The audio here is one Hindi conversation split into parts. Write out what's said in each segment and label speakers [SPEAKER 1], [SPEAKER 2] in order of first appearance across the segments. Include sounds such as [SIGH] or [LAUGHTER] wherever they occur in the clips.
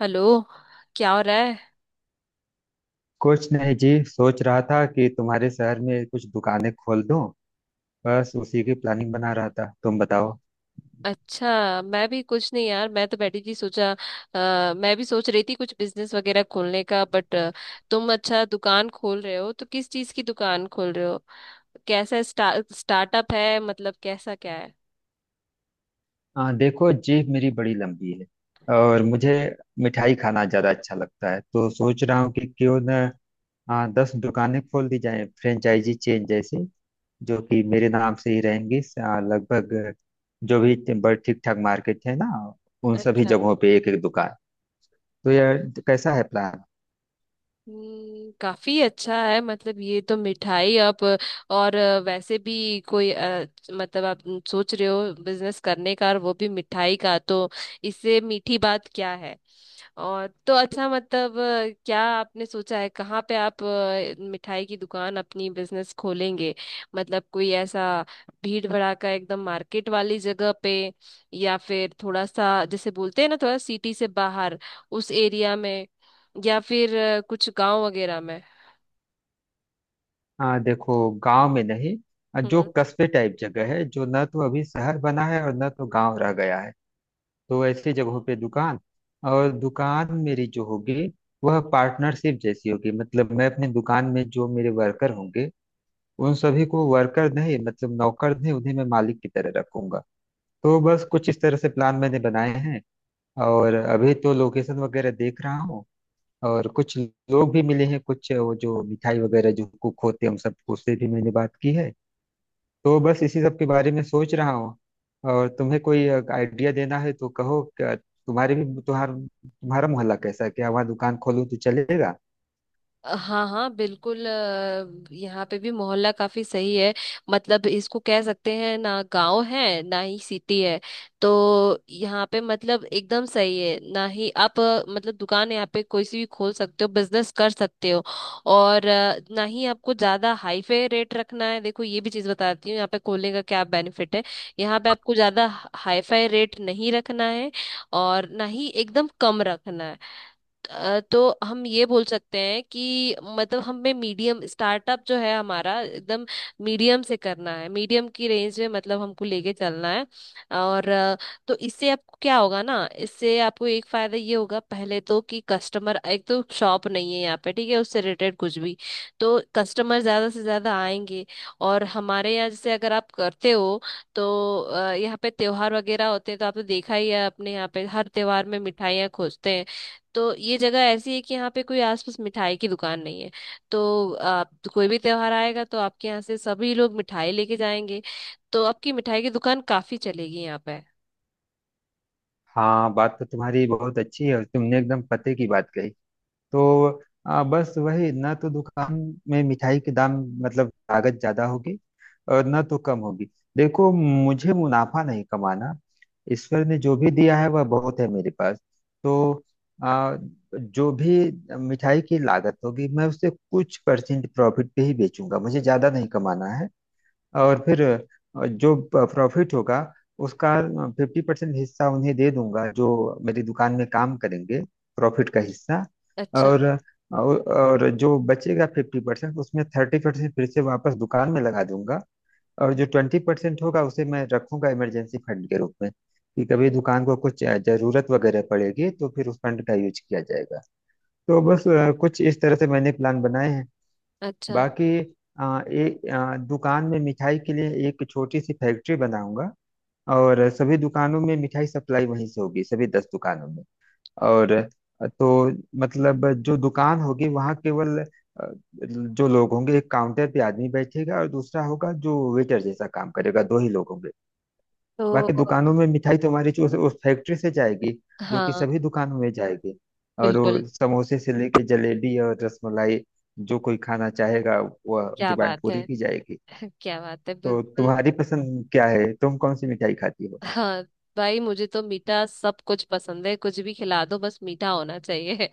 [SPEAKER 1] हेलो। क्या हो रहा है।
[SPEAKER 2] कुछ नहीं जी। सोच रहा था कि तुम्हारे शहर में कुछ दुकानें खोल दूं। बस उसी की प्लानिंग बना रहा था, तुम बताओ।
[SPEAKER 1] अच्छा, मैं भी कुछ नहीं यार, मैं तो बैठी थी। सोचा, मैं भी सोच रही थी कुछ बिजनेस वगैरह खोलने का, बट तुम अच्छा दुकान खोल रहे हो तो किस चीज की दुकान खोल रहे हो। कैसा स्टार्टअप है, मतलब कैसा क्या है।
[SPEAKER 2] देखो, जेब मेरी बड़ी लंबी है और मुझे मिठाई खाना ज्यादा अच्छा लगता है। तो सोच रहा हूँ कि क्यों न 10 दुकानें खोल दी जाएं, फ्रेंचाइजी चेन जैसी, जो कि मेरे नाम से ही रहेंगी। लगभग जो भी बड़े ठीक ठाक मार्केट है ना, उन सभी
[SPEAKER 1] अच्छा।
[SPEAKER 2] जगहों पे एक एक दुकान। तो यह कैसा है प्लान?
[SPEAKER 1] काफी अच्छा है। मतलब ये तो मिठाई आप और वैसे भी कोई मतलब आप सोच रहे हो बिजनेस करने का और वो भी मिठाई का, तो इससे मीठी बात क्या है। और तो अच्छा, मतलब क्या आपने सोचा है कहाँ पे आप मिठाई की दुकान अपनी बिजनेस खोलेंगे। मतलब कोई ऐसा भीड़ भड़ाका एकदम मार्केट वाली जगह पे, या फिर थोड़ा सा जैसे बोलते हैं ना थोड़ा सिटी से बाहर उस एरिया में, या फिर कुछ गांव वगैरह में।
[SPEAKER 2] हाँ, देखो, गांव में नहीं। जो
[SPEAKER 1] हम्म।
[SPEAKER 2] कस्बे टाइप जगह है, जो ना तो अभी शहर बना है और ना तो गांव रह गया है, तो ऐसी जगहों पे दुकान। और दुकान मेरी जो होगी, वह पार्टनरशिप जैसी होगी। मतलब मैं अपने दुकान में जो मेरे वर्कर होंगे, उन सभी को वर्कर नहीं, मतलब नौकर नहीं, उन्हें मैं मालिक की तरह रखूंगा। तो बस कुछ इस तरह से प्लान मैंने बनाए हैं। और अभी तो लोकेशन वगैरह देख रहा हूँ। और कुछ लोग भी मिले हैं, कुछ वो जो मिठाई वगैरह जो कुक होते हैं, उन सबको उससे भी मैंने बात की है। तो बस इसी सब के बारे में सोच रहा हूँ। और तुम्हें कोई आइडिया देना है तो कहो। क्या तुम्हारे भी तुम्हारा तुम्हारा मोहल्ला कैसा है? क्या वहाँ दुकान खोलूँ तो चलेगा?
[SPEAKER 1] हाँ हाँ बिल्कुल। यहाँ पे भी मोहल्ला काफी सही है। मतलब इसको कह सकते हैं ना गांव है ना ही सिटी है। तो यहाँ पे मतलब एकदम सही है। ना ही आप मतलब दुकान यहाँ पे कोई सी भी खोल सकते हो, बिजनेस कर सकते हो। और ना ही आपको ज्यादा हाईफाई रेट रखना है। देखो ये भी चीज बताती हूँ यहाँ पे खोलने का क्या बेनिफिट है। यहाँ पे आपको ज्यादा हाईफाई रेट नहीं रखना है, और ना ही एकदम कम रखना है। तो हम ये बोल सकते हैं कि मतलब हमें मीडियम स्टार्टअप जो है हमारा, एकदम मीडियम से करना है। मीडियम की रेंज में मतलब हमको लेके चलना है। और तो इससे आपको क्या होगा ना, इससे आपको एक फायदा ये होगा पहले तो, कि कस्टमर, एक तो शॉप नहीं है यहाँ पे ठीक है उससे रिलेटेड कुछ भी, तो कस्टमर ज्यादा से ज्यादा आएंगे। और हमारे यहाँ जैसे अगर आप करते हो तो यहाँ पे त्योहार वगैरह होते हैं, तो आपने देखा ही है अपने यहाँ पे हर त्योहार में मिठाइयाँ खोजते हैं। तो ये जगह ऐसी है कि यहाँ पे कोई आसपास मिठाई की दुकान नहीं है। तो आप, कोई भी त्योहार आएगा तो आपके यहाँ से सभी लोग मिठाई लेके जाएंगे। तो आपकी मिठाई की दुकान काफी चलेगी यहाँ पे।
[SPEAKER 2] हाँ, बात तो तुम्हारी बहुत अच्छी है और तुमने एकदम पते की बात कही। तो बस वही, ना तो दुकान में मिठाई के दाम, मतलब लागत ज्यादा होगी और ना तो कम होगी। देखो, मुझे मुनाफा नहीं कमाना। ईश्वर ने जो भी दिया है वह बहुत है मेरे पास। तो आ, जो भी मिठाई की लागत होगी, मैं उससे कुछ परसेंट प्रॉफिट पे ही बेचूंगा, मुझे ज्यादा नहीं कमाना है। और फिर जो प्रॉफिट होगा उसका 50% हिस्सा उन्हें दे दूंगा जो मेरी दुकान में काम करेंगे। प्रॉफिट का हिस्सा।
[SPEAKER 1] अच्छा।
[SPEAKER 2] और और जो बचेगा 50%, उसमें 30% फिर से वापस दुकान में लगा दूंगा। और जो 20% होगा उसे मैं रखूंगा इमरजेंसी फंड के रूप में कि कभी दुकान को कुछ जरूरत वगैरह पड़ेगी तो फिर उस फंड का यूज किया जाएगा। तो बस कुछ इस तरह से मैंने प्लान बनाए हैं।
[SPEAKER 1] अच्छा
[SPEAKER 2] बाकी दुकान में मिठाई के लिए एक छोटी सी फैक्ट्री बनाऊंगा और सभी दुकानों में मिठाई सप्लाई वहीं से होगी, सभी 10 दुकानों में। और तो मतलब जो दुकान होगी वहाँ केवल अ, जो लोग होंगे, एक काउंटर पे आदमी बैठेगा और दूसरा होगा जो वेटर जैसा काम करेगा, दो ही लोग होंगे।
[SPEAKER 1] तो
[SPEAKER 2] बाकी दुकानों में मिठाई तुम्हारी जो उस फैक्ट्री से जाएगी, जो कि
[SPEAKER 1] हाँ
[SPEAKER 2] सभी दुकानों में जाएगी। और
[SPEAKER 1] बिल्कुल।
[SPEAKER 2] वो समोसे से लेके जलेबी और रसमलाई, जो कोई खाना चाहेगा, वह
[SPEAKER 1] क्या
[SPEAKER 2] डिमांड
[SPEAKER 1] बात
[SPEAKER 2] पूरी
[SPEAKER 1] है।
[SPEAKER 2] की जाएगी।
[SPEAKER 1] [LAUGHS] क्या बात है,
[SPEAKER 2] तो
[SPEAKER 1] बिल्कुल।
[SPEAKER 2] तुम्हारी पसंद क्या है? तुम कौन सी मिठाई खाती हो?
[SPEAKER 1] हाँ, भाई मुझे तो मीठा सब कुछ पसंद है, कुछ भी खिला दो बस मीठा होना चाहिए।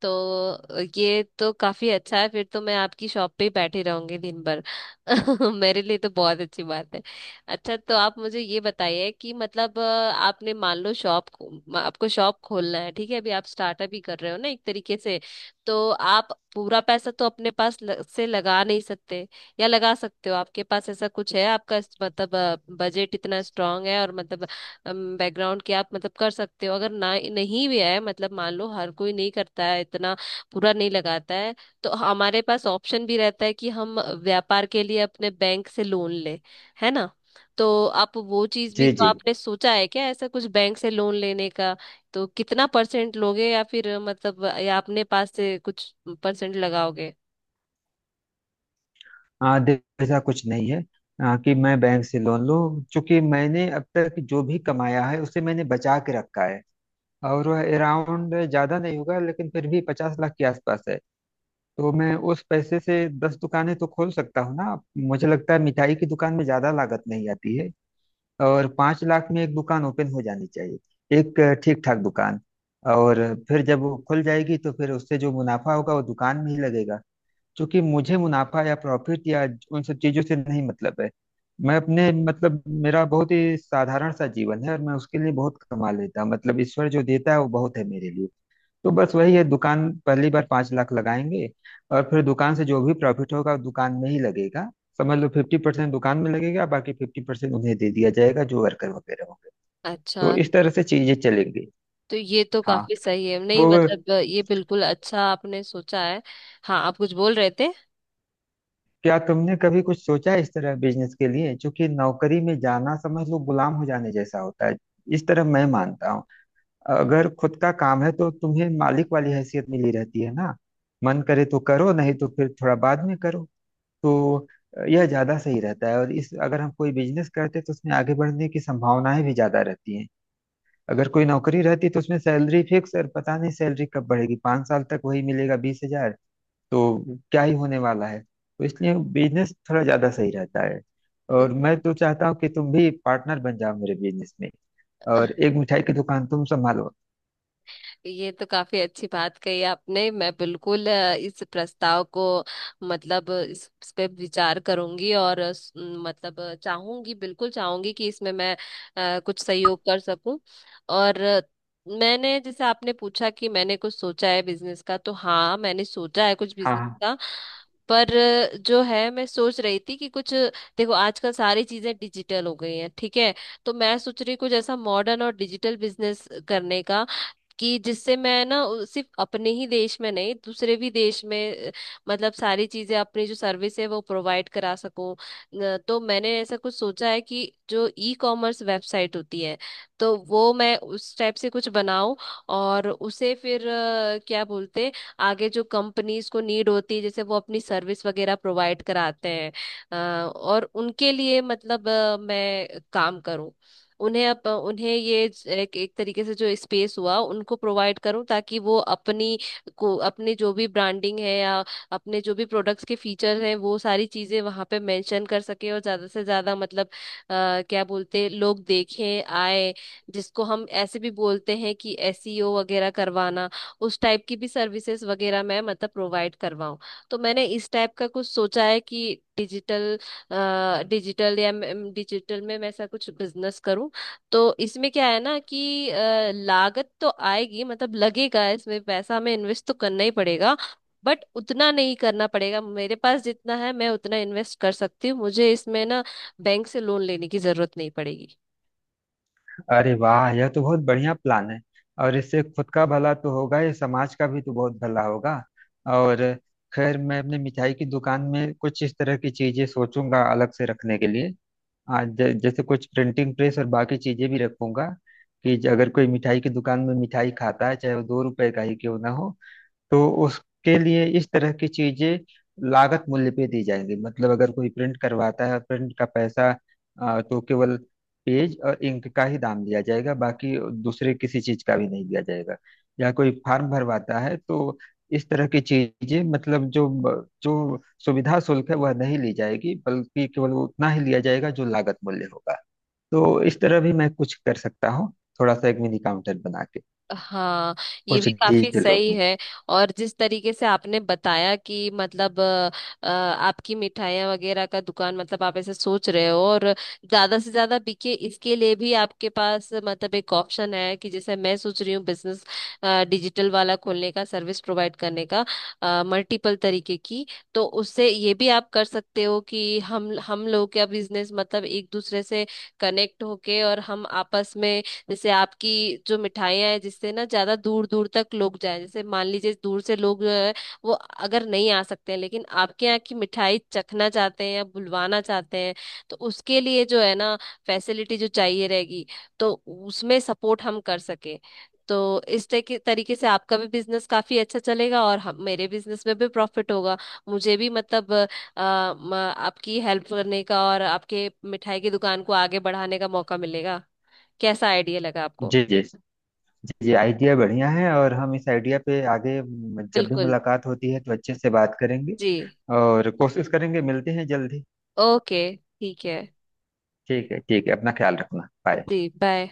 [SPEAKER 1] तो ये तो काफी अच्छा है, फिर तो मैं आपकी शॉप पे ही बैठी रहूंगी दिन भर। [LAUGHS] मेरे लिए तो बहुत अच्छी बात है। अच्छा, तो आप मुझे ये बताइए कि मतलब आपने मान लो शॉप, आपको शॉप खोलना है ठीक है, अभी आप स्टार्टअप ही कर रहे हो ना एक तरीके से। तो आप पूरा पैसा तो अपने पास से लगा नहीं सकते, या लगा सकते हो? आपके पास ऐसा कुछ है आपका मतलब बजट इतना स्ट्रांग है, और मतलब बैकग्राउंड के आप मतलब कर सकते हो? अगर ना नहीं भी है, मतलब मान लो हर कोई नहीं करता है इतना पूरा नहीं लगाता है, तो हमारे पास ऑप्शन भी रहता है कि हम व्यापार के लिए अपने बैंक से लोन ले, है ना। तो आप वो चीज भी,
[SPEAKER 2] जी
[SPEAKER 1] तो
[SPEAKER 2] जी।
[SPEAKER 1] आपने सोचा है क्या ऐसा कुछ बैंक से लोन लेने का? तो कितना परसेंट लोगे, या फिर मतलब या अपने पास से कुछ परसेंट लगाओगे?
[SPEAKER 2] ऐसा कुछ नहीं है कि मैं बैंक से लोन लूं, क्योंकि मैंने अब तक जो भी कमाया है उसे मैंने बचा के रखा है। और वह अराउंड ज्यादा नहीं होगा लेकिन फिर भी 50 लाख के आसपास है। तो मैं उस पैसे से 10 दुकानें तो खोल सकता हूँ ना। मुझे लगता है मिठाई की दुकान में ज्यादा लागत नहीं आती है। और 5 लाख में एक दुकान ओपन हो जानी चाहिए, एक ठीक ठाक दुकान। और फिर जब वो खुल जाएगी तो फिर उससे जो मुनाफा होगा वो दुकान में ही लगेगा। क्योंकि मुझे मुनाफा या प्रॉफिट या उन सब चीजों से नहीं मतलब है। मैं अपने मतलब मेरा बहुत ही साधारण सा जीवन है और मैं उसके लिए बहुत कमा लेता हूँ। मतलब ईश्वर जो देता है वो बहुत है मेरे लिए। तो बस वही है, दुकान पहली बार 5 लाख लगाएंगे। और फिर दुकान से जो भी प्रॉफिट होगा वो दुकान में ही लगेगा। समझ लो 50% दुकान में लगेगा, बाकी 50% उन्हें दे दिया जाएगा जो वर्कर वगैरह होंगे।
[SPEAKER 1] अच्छा।
[SPEAKER 2] तो इस तरह से चीजें चलेंगी।
[SPEAKER 1] तो ये तो
[SPEAKER 2] हाँ।
[SPEAKER 1] काफी सही है, नहीं
[SPEAKER 2] तो
[SPEAKER 1] मतलब ये बिल्कुल अच्छा आपने सोचा है। हाँ आप कुछ बोल रहे थे।
[SPEAKER 2] क्या तुमने कभी कुछ सोचा है इस तरह बिजनेस के लिए? क्योंकि नौकरी में जाना समझ लो गुलाम हो जाने जैसा होता है, इस तरह मैं मानता हूँ। अगर खुद का काम है तो तुम्हें मालिक वाली हैसियत मिली रहती है ना। मन करे तो करो, नहीं तो फिर थोड़ा बाद में करो। तो यह ज्यादा सही रहता है। और इस अगर हम कोई बिजनेस करते हैं तो उसमें आगे बढ़ने की संभावनाएं भी ज्यादा रहती हैं। अगर कोई नौकरी रहती तो उसमें सैलरी फिक्स और पता नहीं सैलरी कब बढ़ेगी, 5 साल तक वही मिलेगा 20,000। तो क्या ही होने वाला है? तो इसलिए बिजनेस थोड़ा ज्यादा सही रहता है। और मैं तो चाहता हूँ कि तुम भी पार्टनर बन जाओ मेरे बिजनेस में, और एक मिठाई की दुकान तुम संभालो।
[SPEAKER 1] ये तो काफी अच्छी बात कही आपने। मैं बिल्कुल इस प्रस्ताव को, मतलब इस पे विचार करूंगी। और मतलब चाहूंगी, बिल्कुल चाहूंगी कि इसमें मैं कुछ सहयोग कर सकूं। और मैंने जैसे आपने पूछा कि मैंने कुछ सोचा है बिजनेस का, तो हाँ मैंने सोचा है कुछ बिजनेस
[SPEAKER 2] हाँ,
[SPEAKER 1] का। पर जो है मैं सोच रही थी कि कुछ, देखो आजकल सारी चीजें डिजिटल हो गई हैं ठीक है, तो मैं सोच रही कुछ ऐसा मॉडर्न और डिजिटल बिजनेस करने का, कि जिससे मैं ना सिर्फ अपने ही देश में नहीं, दूसरे भी देश में मतलब सारी चीजें अपनी जो सर्विस है वो प्रोवाइड करा सकूं। तो मैंने ऐसा कुछ सोचा है कि जो ई कॉमर्स वेबसाइट होती है, तो वो मैं उस टाइप से कुछ बनाऊं। और उसे फिर क्या बोलते, आगे जो कंपनीज को नीड होती है जैसे वो अपनी सर्विस वगैरह प्रोवाइड कराते हैं, अ, और उनके लिए मतलब मैं काम करूं। उन्हें उन्हें ये एक, एक तरीके से जो स्पेस हुआ उनको प्रोवाइड करूं, ताकि वो अपनी को अपने जो भी ब्रांडिंग है या अपने जो भी प्रोडक्ट्स के फीचर हैं वो सारी चीजें वहां पे मेंशन कर सके, और ज्यादा से ज्यादा मतलब क्या बोलते हैं, लोग देखें आए, जिसको हम ऐसे भी बोलते हैं कि एसईओ वगैरह करवाना, उस टाइप की भी सर्विसेज वगैरह मैं मतलब प्रोवाइड करवाऊं। तो मैंने इस टाइप का कुछ सोचा है कि डिजिटल, डिजिटल या डिजिटल में मैं ऐसा कुछ बिजनेस करूं। तो इसमें क्या है ना कि लागत तो आएगी, मतलब लगेगा इसमें पैसा, हमें इन्वेस्ट तो करना ही पड़ेगा, बट उतना नहीं करना पड़ेगा। मेरे पास जितना है मैं उतना इन्वेस्ट कर सकती हूँ। मुझे इसमें ना बैंक से लोन लेने की जरूरत नहीं पड़ेगी।
[SPEAKER 2] अरे वाह, यह तो बहुत बढ़िया प्लान है। और इससे खुद का भला तो होगा ही, समाज का भी तो बहुत भला होगा। और खैर मैं अपने मिठाई की दुकान में कुछ इस तरह की चीजें सोचूंगा अलग से रखने के लिए। आज जैसे कुछ प्रिंटिंग प्रेस और बाकी चीजें भी रखूंगा। कि अगर कोई मिठाई की दुकान में मिठाई खाता है, चाहे वो 2 रुपए का ही क्यों ना हो, तो उसके लिए इस तरह की चीजें लागत मूल्य पे दी जाएंगी। मतलब अगर कोई प्रिंट करवाता है, प्रिंट का पैसा तो केवल पेज और इंक का ही दाम दिया जाएगा, बाकी दूसरे किसी चीज का भी नहीं दिया जाएगा। या कोई फॉर्म भरवाता है तो इस तरह की चीजें, मतलब जो जो सुविधा शुल्क है वह नहीं ली जाएगी, बल्कि केवल उतना ही लिया जाएगा जो लागत मूल्य होगा। तो इस तरह भी मैं कुछ कर सकता हूँ, थोड़ा सा एक मिनी काउंटर बना के,
[SPEAKER 1] हाँ, ये
[SPEAKER 2] कुछ
[SPEAKER 1] भी काफी
[SPEAKER 2] डिजिटल रूप
[SPEAKER 1] सही
[SPEAKER 2] में।
[SPEAKER 1] है। और जिस तरीके से आपने बताया कि मतलब आपकी मिठाइयाँ वगैरह का दुकान, मतलब आप ऐसे सोच रहे हो, और ज्यादा से ज्यादा बिके इसके लिए भी आपके पास मतलब एक ऑप्शन है, कि जैसे मैं सोच रही हूँ बिजनेस डिजिटल वाला खोलने का, सर्विस प्रोवाइड करने का मल्टीपल तरीके की, तो उससे ये भी आप कर सकते हो कि हम लोग का बिजनेस मतलब एक दूसरे से कनेक्ट होके और हम आपस में, जैसे आपकी जो मिठाइयाँ हैं जिससे ना ज्यादा दूर दूर तक लोग जाएं, जैसे मान लीजिए दूर से लोग जो है वो अगर नहीं आ सकते हैं लेकिन आपके यहाँ की मिठाई चखना चाहते हैं या बुलवाना चाहते हैं, तो उसके लिए जो है ना फैसिलिटी जो चाहिए रहेगी तो उसमें सपोर्ट हम कर सके, तो इस तरीके तरीके से आपका भी बिजनेस काफी अच्छा चलेगा और हम मेरे बिजनेस में भी प्रॉफिट होगा। मुझे भी मतलब आपकी हेल्प करने का और आपके मिठाई की दुकान को आगे बढ़ाने का मौका मिलेगा। कैसा आइडिया लगा आपको?
[SPEAKER 2] जी जी। जी जी, आइडिया बढ़िया है। और हम इस आइडिया पे आगे जब भी
[SPEAKER 1] बिल्कुल।
[SPEAKER 2] मुलाकात होती है तो अच्छे से बात करेंगे।
[SPEAKER 1] जी।
[SPEAKER 2] और कोशिश करेंगे, मिलते हैं जल्दी।
[SPEAKER 1] ओके ठीक है।
[SPEAKER 2] ठीक है ठीक है, अपना ख्याल रखना, बाय।
[SPEAKER 1] जी बाय।